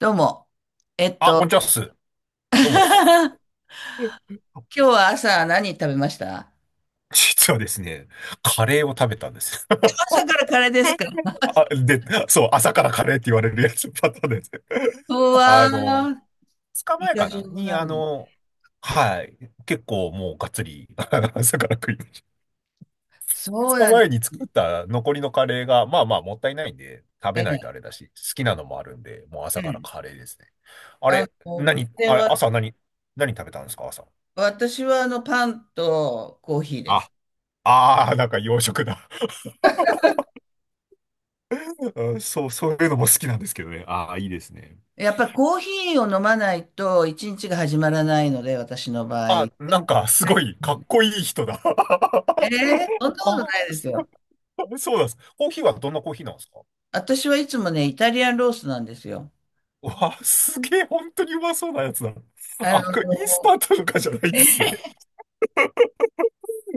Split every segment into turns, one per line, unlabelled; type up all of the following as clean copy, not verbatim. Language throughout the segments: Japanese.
どうも。えっ
あ、こんに
と、
ちはっす。どうもっす。
今日は朝何食べました？
実はですね、カレーを食べたんです。
朝からカレーですか？
あ、で、そう、朝からカレーって言われるやつパターンです。
う わ
あの、
ー、
2
イ
日前
カ
か
丈
な
夫
に、
なんだ。
はい、結構もうがっつり 朝から食いました。
そ
2
うなん
日
で
前に作った残りのカレーが、まあまあもったいないんで、食べ
す
な
ね。
いとあれだし、好きなのもあるんで、もう
う
朝から
ん。
カレーですね。あれ、
こ
何、
れ
あれ、
は、
朝何、何食べたんですか、朝。
私はパンとコーヒーで
あ、
す。
ああ、なんか洋食だ。うん、そう、そういうのも好きなんですけどね。ああ、いいですね。
やっぱコーヒーを飲まないと一日が始まらないので、私の場合。はい。
あ、なんか、すご
え
い、かっこいい人だ。
ー、そん なこと
あ、
ないですよ。
そうなんです。コーヒーはどんなコーヒーなんですか？
私はいつもね、イタリアンロースなんですよ。
わあ、すげえ、本当にうまそうなやつだ。
あの、
あ、これインスタントとかじゃないっす ね。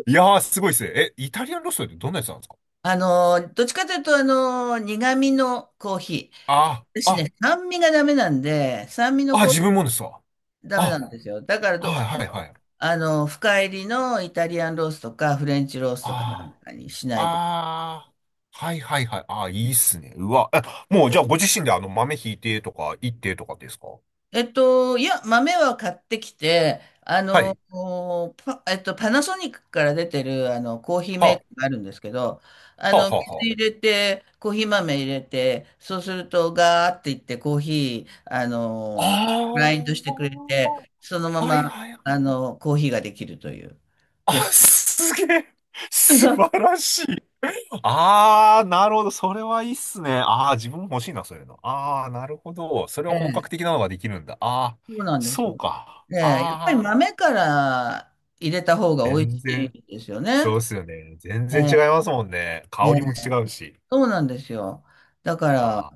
いやー、すごいっすね。え、イタリアンロストってどんなやつなんですか？
どっちかというと、苦味のコーヒー。
あ、
私
あ、
ね、酸味がダメなんで、酸味の
あ、
コーヒ
自分もですわ。
ーダメな
あ、
んですよ。だからどう
はい
して
はいは
も、
い。
深入りのイタリアンロースとか、フレンチロースとかなん
あ
かにしな
あ、
いと。
ああ、はいはいはい。ああ、いいっすね。うわ、え、もうじゃあご自身で豆ひいてとか、いってとかですか？
いや、豆は買ってきて、
はい。
おパ、えっと、パナソニックから出てる、コーヒーメーカ
は
ーがあるんですけど、あ
あ、は
の、
あ、はあ、
水
は、
入れて、コーヒー豆入れて、そうすると、ガーっていって、コーヒー、
あ
グラインドし
あ
てくれて、そのま
あ、はい
ま、
はいはい。
コーヒーができるという、
あ、
コーヒー。
すげえ。素晴らしい。ああ、なるほど。それはいいっすね。ああ、自分も欲しいな、そういうの。ああ、なるほど。それは
え
本格
え、
的なのができるんだ。ああ、
そうなんです
そう
よ。
か。
ええ、やっぱり
ああ、
豆から入れた方が美味
全
し
然、
いですよね。
そうっすよね。全然
え
違い
え、
ますもんね。
え
香
え、
りも違うし。
そうなんですよ。だから、
ああ、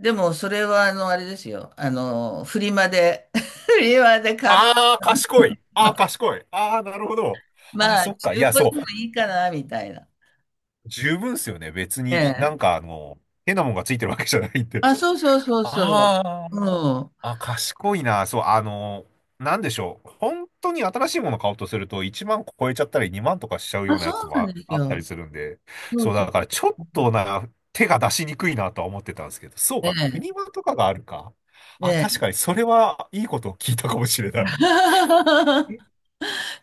でも、それは、あれですよ。フリマで、フリマで買って、
ああ、賢い。あ
ま
あ、
あ、
賢い。ああ、なるほど。ああ、
まあ
そっか。い
中
や、
古
そ
でも
う。
いいかな、みたいな。
十分っすよね。別
え
に
え。
変なもんがついてるわけじゃないんで。
あ、そうそうそうそう。
あ
うん。
あ、あ、賢いな。そう、なんでしょう。本当に新しいもの買おうとすると1万超えちゃったり2万とかしちゃうよ
あ、
うな
そ
やつ
う
も
なんです
あっ
よ。
たりするんで。
そう
そう、
そう。
だからちょっとな、手が出しにくいなとは思ってたんですけど。そう
え
か、フ
え。
リマとかがあるか。
え
あ、確
え。
かにそれはいいことを聞いたかもしれない。え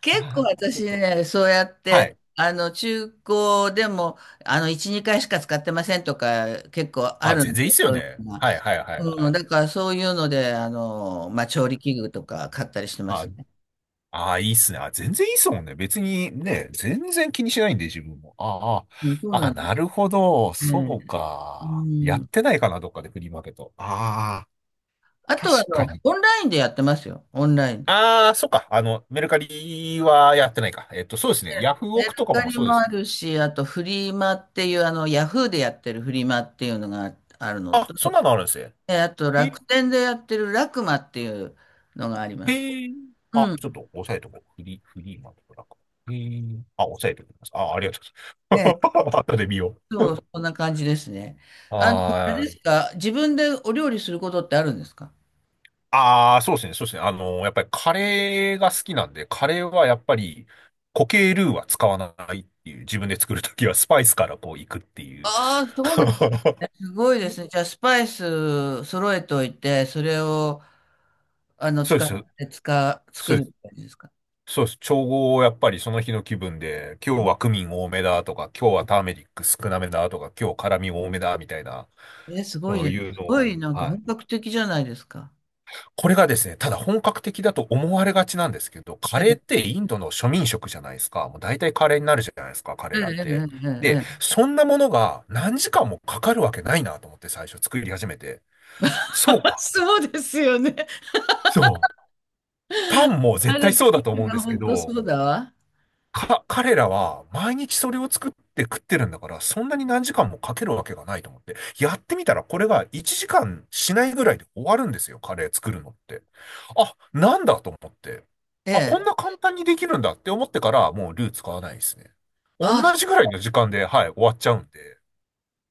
結構
あー、ちょ
私
っと。
ね、そうやっ
は
て、
い。
中古でも、1、2回しか使ってませんとか、結構あ
あ、
るん
全
で、
然いいっすよ
そうい
ね。
うのが。
はいはいはいは
うん、
い。
だからそういうので、まあ、調理器具とか買ったりしてま
あ、
す。
ああ、いいっすね。あ、全然いいっすもんね。別にね、全然気にしないんで、自分も。あ
うん、そう
あ、あ
な
あ、
んで
なるほど。
す
そ
ね。
う
う
か。やっ
ん。
てないかな、どっかでフリーマーケット。ああ、
あと
確
は
かに。
オンラインでやってますよ。オンラインで。
ああ、そっか。メルカリはやってないか。そうですね。ヤフ
メ
オ
ル
クとか
カ
も
リ
そうで
も
す
あ
もん。
るし、あとフリマっていう、ヤフーでやってるフリマっていうのがあるの
あ、
と、
そんなのあるんですね。
あと
へ、
楽天でやってるラクマっていうのがあります。
へえ。あ、
うん。
ちょっと押さえとこう。フリーマーケットだから。へえ。あ、押さえておきます。あ、ありがと
え
うござい
え、
ます。後で見よ
そう、
う。
そんな感じですね。あれ
ああ、
ですか、自分でお料理することってあるんですか？
ああ、そうですね、そうですね。やっぱりカレーが好きなんで、カレーはやっぱり固形ルーは使わないっていう、自分で作るときはスパイスからこういくっていう。
ああ、そうなんですね。すごいですね。じゃあ、スパイス揃えておいて、それを
そうで
使っ
す、
て、作
そうで
るみ
す、
たいですか？
そうです。調合をやっぱりその日の気分で、今日はクミン多めだとか、今日はターメリック少なめだとか、今日辛味多めだみたいな、
すごい
そ
じゃ
う
ん。す
いうの
ごい、
を、
なんか
は
本
い。
格的じゃないですか。
これがですね、ただ本格的だと思われがちなんですけど、カ
え
レ
え、
ーってインドの庶民食じゃないですか。もう大体カレーになるじゃないですか、
え
彼
え、
らって。
ええ、
で、
ええ。
そんなものが何時間もかかるわけないなと思って最初作り始めて。そう か。
そうですよね。
そう。パンも
あ
絶
れ、
対そうだと思うんですけ
本当そ
ど、
うだわ。
彼らは毎日それを作って食ってるんだから、そんなに何時間もかけるわけがないと思って、やってみたらこれが1時間しないぐらいで終わるんですよ、カレー作るのって。あ、なんだと思って。
え
あ、
え。
こんな簡単にできるんだって思ってから、もうルー使わないですね。同
あ、
じぐらいの時間で、はい、終わっちゃうんで。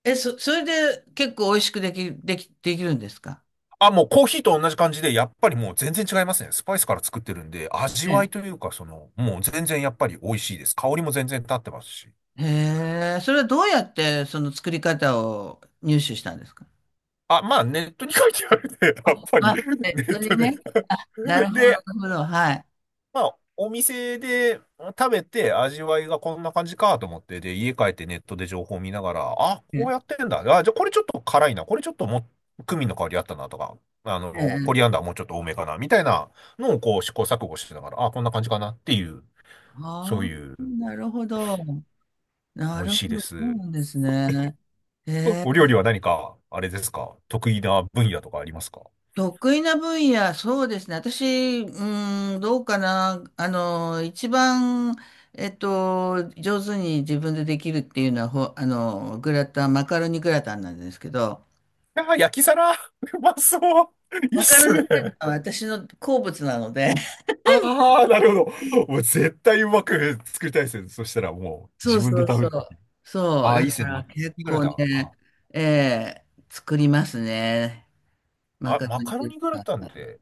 それで結構美味しくできるんですか？
あ、もうコーヒーと同じ感じで、やっぱりもう全然違いますね。スパイスから作ってるんで、味
え
わい
え。
というか、その、もう全然やっぱり美味しいです。香りも全然立ってますし。
へえ、それはどうやってその作り方を入手したんですか？
あ、まあ、ネットに書いてあるね。
あ、
やっぱり、
あ、ネ
ネ
ット
ッ
れ
トで
ね。なる ほど、な
で、
るほど。はい。
まあ、お店で食べて味わいがこんな感じかと思って、で、家帰ってネットで情報を見ながら、あ、
え
こう
え、
やってんだ。あ、じゃあこれちょっと辛いな。これちょっとも、クミンの香りあったなとか、
え
コリアン
え。
ダーもうちょっと多めかな。みたいなのをこう試行錯誤しながら、あ、こんな感じかなっていう、そう
ああ、
いう、
なるほど。な
美味
る
しい
ほ
で
ど、そう
す。
なんですね。
お、
え
お料
ー
理は何か、あれですか、得意な分野とかありますか？
得意な分野、そうですね。私、うん、どうかな。一番、上手に自分でできるっていうのは、ほ、あの、グラタン、マカロニグラタンなんですけど、
ああ、焼き皿 うまそう、いいっ
マカロ
す
ニグラ
ね。
タンは私の好物なので、
ああ、なるほど。もう絶対うまく作りたいですね。そしたらもう
そ
自
う
分
そ
で
う
食べ
そ
る。
う。そう、
ああ、い
だ
いっす
か
ね。マ
ら
カロ
結
ニグラ
構
タン。あ、
ね、作りますね。マ
あ
カロ
マ
ニ
カロ
グ
ニグラ
ラ
タンっ
タン。
て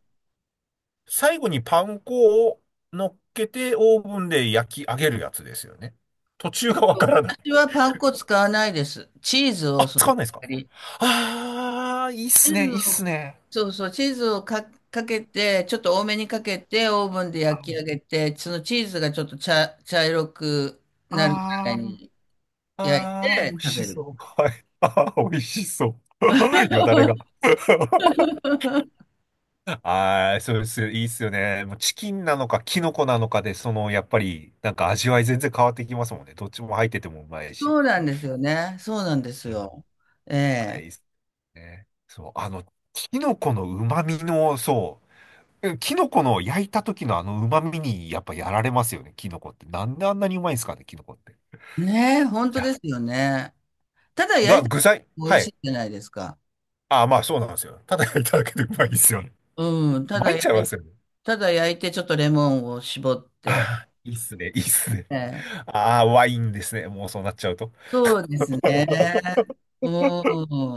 最後にパン粉を乗っけてオーブンで焼き上げるやつですよね。途中がわからない。
私はパン粉使わないです。チーズを
あ、
そ
使
の
わないですか？
代わり。
ああー、いいっ
チ
す
ーズ
ね。いいっす
を、
ね。
そうそう、チーズをかけて、ちょっと多めにかけて、オーブンで焼き上
あ
げて、そのチーズがちょっと茶色くなるぐらい
あー、
に焼い
あー、美
て
味
食
し
べる。
そう。はい。ああ、美味しそう。よだれが。ああ、そうです。いいっすよね。もうチキンなのか、キノコなのかで、その、やっぱり、なんか味わい全然変わってきますもんね。どっちも入っててもうまいし。
そうなんですよね。そうなんです
うん、
よ。え
まあ
え。
いいっすね。そう、キノコの旨味の、そう、キノコの焼いた時のあの旨味に、やっぱやられますよね、キノコって。なんであんなにうまいんですかね、キノコって。い
ねえ、本当
や、
ですよね。ただ焼いたら
具材、
美
は
味し
い。
いじゃないですか。
ああ、まあそうなんですよ。ただ焼いただけでうまいですよね。
うん、
参っちゃいますよね。
ただ焼いて、ちょっとレモンを絞っ
あ
て。
あ、いいっすね、いいっすね。
ええ、
ああ、ワインですね、もうそうなっちゃうと。
そうですね。う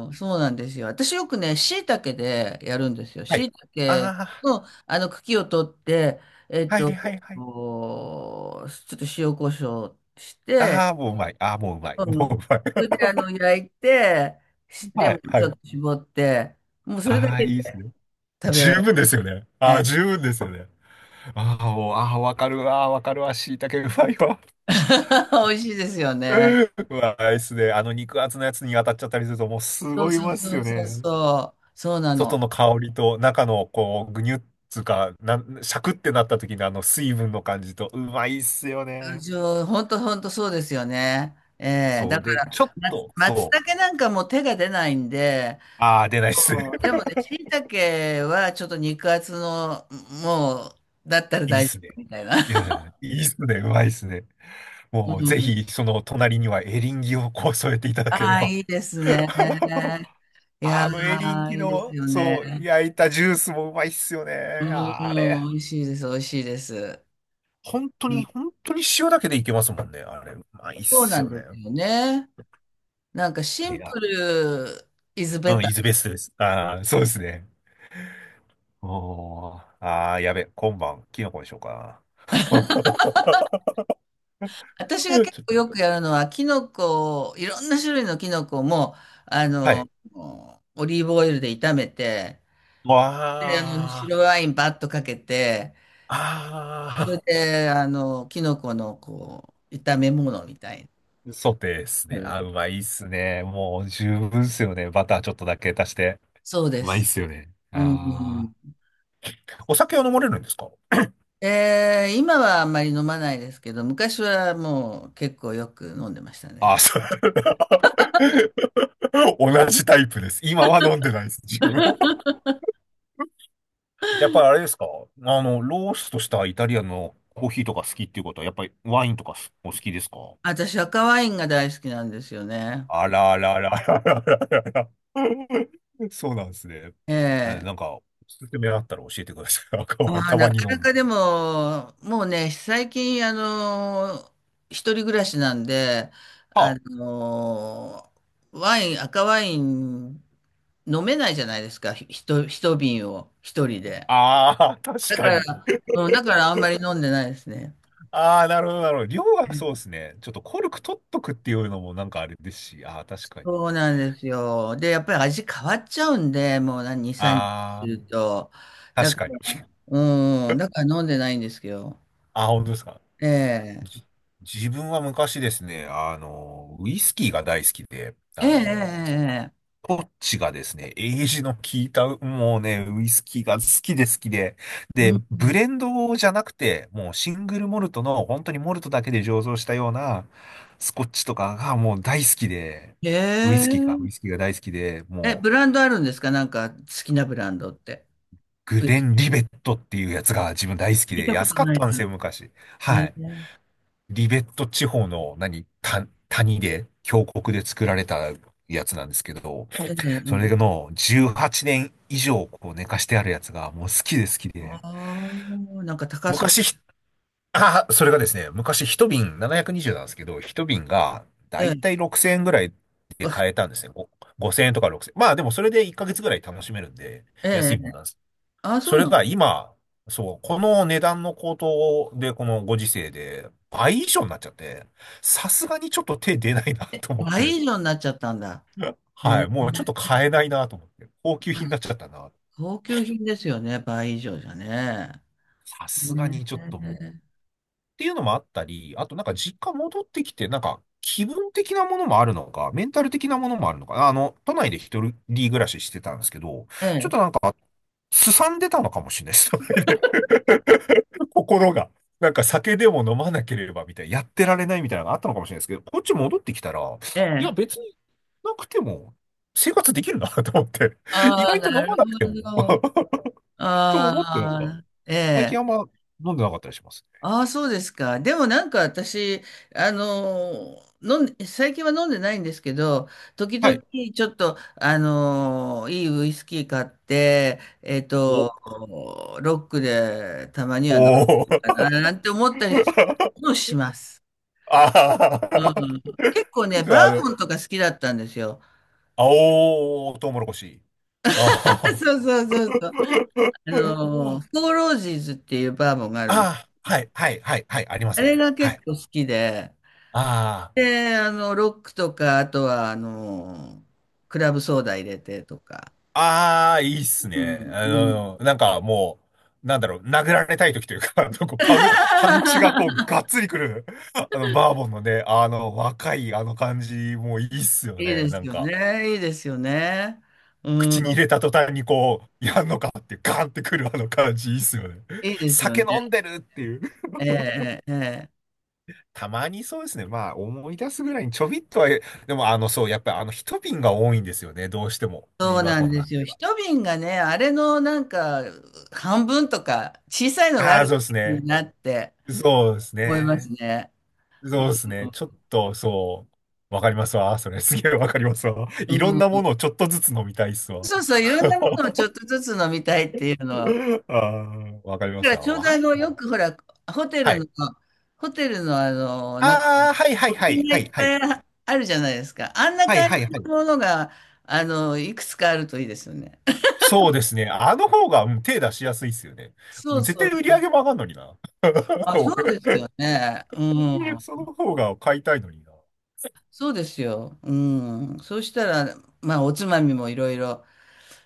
ん、そうなんですよ。私よくね、椎茸でやるんですよ。
はい。
椎茸
あ
の茎を取って、えっ
あ、はい
と、
はいはい。
こうちょっと塩コショウして、
ああ、もううまい。ああ、もううまい。
う
も
ん、
ううまい。
それで焼いて、レ
は
モン
いは
ちょっ
い。
と絞って、もうそれだ
ああ、
け
いいで
で
すね。
食べら
十
れる
分ですよね。ああ、
ね。
十分ですよね。ああ、もう、ああ、わかるわ、わかるわ、しいたけうまいわ。
美味しいですよね。
うわ、あれですね。あの肉厚のやつに当たっちゃったりすると、もうす
そう
ごい
そう
まっす
そう
よ
そう
ね。
そう。そうなの。
外の香りと中の、こう、ぐにゅっつうか、シャクってなった時のあの水分の感じと、うまいっすよね。
本当本当そうですよね。ええ、
そ
だ
う。
か
で、
ら、
ちょっと、
松
そう。
茸なんかもう手が出ないんで、
ああ、出ないっすね。
そうでもね、椎茸はちょっと肉厚の、もう、だったら
いいっ
大丈
す
夫
ね。
みたいな。
い や、いいっすね。うまいっすね。
う
もう、ぜ
ん。
ひ、その隣にはエリンギをこう添えていただけれ
ああ、
ば。
いいですね。いや
あのエリン
ー、
ギ
いいです
の、
よね。
そう、焼いたジュースもうまいっすよね。
うん、
あれ、
美味しいです、美味しいです。
本当
う
に、
ん、
本当に塩だけでいけますもんね。あれ、うまいっ
そう
す
なん
よ
で
ね。
すよね。なんか
あ
シ
れ
ン
が。
プル is
う
better。
ん、イズベストです。ああ、そうですね。おー、ああ、やべ、今晩、キノコにしようかな。
私
ち
が
ょっ
結構
と、
よくやるのは、キノコを、いろんな種類のキノコも、あ
はい。
の、オリーブオイルで炒めて、
わ
で、
あ、
白ワインバッとかけて、それ
ああ。
で、キノコの、こう、炒め物みたい
ソテーです
な。
ね。
は
あ、
い、
うまいっすね。もう十分っすよね。バターちょっとだけ足して。
そう
う
で
まいっ
す。
すよね。
う
ああ、
ん。
お酒は飲まれるんですか？
今はあんまり飲まないですけど、昔はもう結構よく飲んでました
あ、
ね。
そう。同じタイプです。今は飲んでないです、自分も。やっぱりあれですか？あの、ローストしたイタリアンのコーヒーとか好きっていうことは、やっぱりワインとかお好きですか？
私、赤ワインが大好きなんですよね。
あらあらあらあらあらあら。そうなんですね。
え
なん
え。
か、おすすめあったら教えてください。赤
あ
ワイン
あ、
た
な
まに
か
飲
な
む。
かでも、もうね、最近、一人暮らしなんで、
は
あ
あ
の、ワイン、赤ワイン飲めないじゃないですか、一瓶を一人で。
ああ、確
だか
かに。
ら、うん、だからあんまり飲んでないですね。
ああ、なるほど、なるほど。量がそうですね。ちょっとコルク取っとくっていうのもなんかあれですし、ああ、確かに。
そうなんですよ。で、やっぱり味変わっちゃうんで、もう何、2、3日する
あ
と。
あ、
だ
確
か
かに。
ら、うん、だから飲んでないんですけど。
ああ、本当ですか。
ええ、
じ自分は昔ですね、あの、ウイスキーが大好きで、
ええ、
あ
え
の、
え、ええ。
こっちがですね、エイジの効いた、もうね、ウイスキーが好きで好きで、で、
う
ブ
ん。
レンドじゃなくて、もうシングルモルトの、本当にモルトだけで醸造したような、スコッチとかがもう大好きで、
へえ。
ウイスキーが大好きで、
え、
も
ブ
う、
ランドあるんですか？なんか好きなブランドって。
グ
うん、
レ
聞
ン・リベットっていうやつが自分大好き
い
で、
たこと
安かっ
ない
たんです
な。
よ、昔。は
ね、
い。
ね
リベット地方の、谷で、峡谷で作られたやつなんですけど、
え。ええ。
そ
え
れ
え。
の18年以上こう寝かしてあるやつがもう好きで好き
あ
で。
あ、なんか高そうで
昔
す。
ひ、あ、それがですね、昔一瓶720なひゃくにじゅうなんですけど、一瓶が
え
だい
え。
たい6000円ぐらいで買えたんですね。5000円とか6000円。まあでもそれで1ヶ月ぐらい楽しめるんで、
え
安
え。
いもんなんです。
ああ、そ
そ
う
れ
なの。
が今、そう、この値段の高騰で、このご時世で倍以上になっちゃって、さすがにちょっと手出ないなと思って。
倍以上になっちゃったんだ。え
は
え。
い、もうちょっと買えないなと思って。高級品になっちゃったな。
高級品ですよね。倍以上じゃね。
さすが
ね。
にちょっともう。っていうのもあったり、あとなんか実家戻ってきて、なんか気分的なものもあるのか、メンタル的なものもあるのか、あの、都内で一人暮らししてたんですけど、
え
ちょっ
え。
となんか、すさんでたのかもしれないです、都内で 心が。なんか酒でも飲まなければみたいな、やってられないみたいなのがあったのかもしれないですけど、こっち戻ってきたら、
え
いや
え。ええ。
別になくても生活できるなと思って、意
ああ、
外と飲
なる
まなくても
ほど。
と
あ
思ってやっぱ、
あ、え
最近
え。
あんま飲んでなかったりします。
ああ、そうですか。でもなんか私、飲んで、最近は飲んでないんですけど、時
は
々
い。
ちょっと、いいウイスキー買って、
お、
ロックでたまには飲む
お
か
ー。
な、なんて思ったりも します。
あ
うん、
あ。
結構ね、
あ
バーボ
の、
ンとか好きだったんですよ。
青トウモロコシ。あ
そうそうそうそう。
あ。
フォーロージーズっていうバーボンがあるんです
ああ、
け
は
ど。
い、はい、はい、はい、ありま
あ
せ
れ
ん。
が
は
結
い。
構好きで、
あ
で、ロックとか、あとは、クラブソーダ入れてとか。
あ、ああ、いいっす
う
ね。
ん、
あ
う
の、
ん。
なんかもう、なんだろう、殴られたい時というか、パンチがこう、がっつりくる、あの、バーボンのね、あの、若いあの感じ、もういいっすよ
いい
ね、
で
な
す
ん
よ
か。
ね。いいですよね。う
口に
ん。
入れた途端にこう、やんのかってガーンってくるあの感じいいっすよね。
いいですよ
酒
ね。
飲んでるっていう。
ええ、ええ。ええ、
たまにそうですね。まあ思い出すぐらいにちょびっとは、でもあのそう、やっぱりあの一瓶が多いんですよね。どうしても。
そう
今
なん
と
で
なっ
すよ。
ては。
一瓶がね、あれのなんか、半分とか、小さいのがあ
ああ、
る
そうですね。
なって
そうです
思います
ね。
ね。う
そう
ん。
ですね。ちょっとそう、わかりますわ。それすげえわかりますわ。
う
いろん
ん、
なものをちょっとずつ飲みたいっすわ。
そうそう、いろんなものをちょっとずつ飲みたいっていうのを、
ああ、わかりま
だか
す
らち
わ。
ょうど
ワイン
よ
も。
くほら、ホテ
は
ルの、
い。
ホテルのなんか、
ああ、はいはい
部
はい
品が
は
い
い
っ
は
ぱ
い。
いあるじゃないですか。あんな
はい
感じ
はいは
の
い。
ものが、いくつかあるといいですよね。
そうですね。あの方が、うん、手出しやすいですよね。も
そ
う
う
絶
そう
対売り
そ
上
う。
げも上がんのにな。
あ、そうです
俺
よね。う
そ
ん。
の方が買いたいのにな。
そうですよ。うん。そうしたら、まあ、おつまみもいろいろ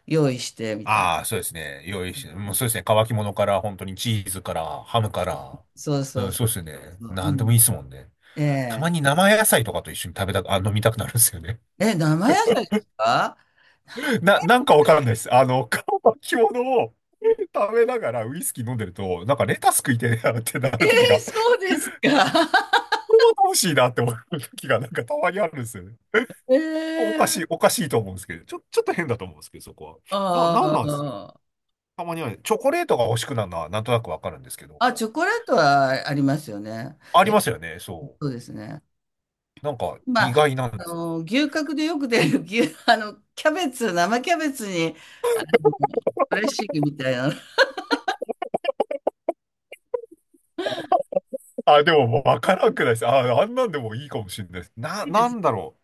用意して、みたいな。
ああ、そうですね。用意して、もうそうですね。乾き物から、本当にチーズから、ハムから。
そうそ
う
う
ん、
そ
そうですよ
う
ね。
そう。う
なんでも
ん。
いいですもんね。
え
たま
え。
に生野菜とかと一緒に食べたく、あ、飲みたくなるんですよね。
え、生野菜ですか？
なんかわからないです。あの、乾き物を食べながらウイスキー飲んでると、なんかレタス食いてえなってな
え
る時
え、
が
そうですか？
これは楽しいなって思う時がなんかたまにあるんですよね。
え
おかしい、
え。
おかしいと思うんですけど、ちょっと変だと思うんですけど、そこは。なん
あ
なんですか？
あ。
たまにはね、チョコレートが欲しくなるのはなんとなくわかるんですけど、
あ、チョコレートはありますよね。
あり
え、
ますよね、そ
そうですね。
う。なんか意
まあ、
外なんです。
牛角でよく出る牛、キャベツ、生キャベツに、あの、ドレッシングみたいなの。
あ、でもわからんくないです。あ、あんなんでもいいかもしれないです。
いいで
な
す。
んだろう。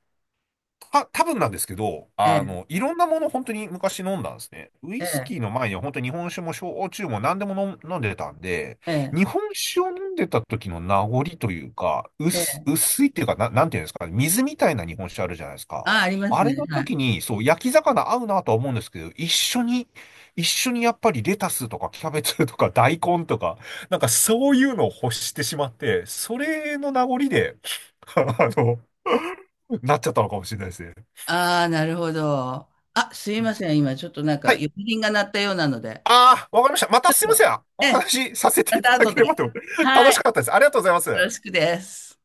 多分なんですけど、
え
あ
え、
の、いろんなもの本当に昔飲んだんですね。ウ
え
イスキ
え、
ーの前には本当に日本酒も焼酎も何でも飲んでたんで、
ええ、
日本酒を飲んでた時の名残というか、
ええ。
薄いっていうか、なんていうんですかね、水みたいな日本酒あるじゃないですか。
あ、ありま
あ
す
れ
ね。
の
は
時
い。
に、そう、焼き魚合うなとは思うんですけど、一緒に、やっぱりレタスとかキャベツとか大根とか、なんかそういうのを欲してしまって、それの名残で、あの、なっちゃったのかもしれないですね。
ああ、なるほど。あ、すいません。今、ちょっとなんか、
はい、
呼び鈴が鳴ったようなので。
ああ、わかりました。ま
ち
た
ょ
すいま
っ
せ
と、
ん。お
ええ、
話しさせて
ま
いた
た
だ
後
ければ
で。
と。楽
はい。
しかったです。ありがとうございま
よ
す。
ろしくです。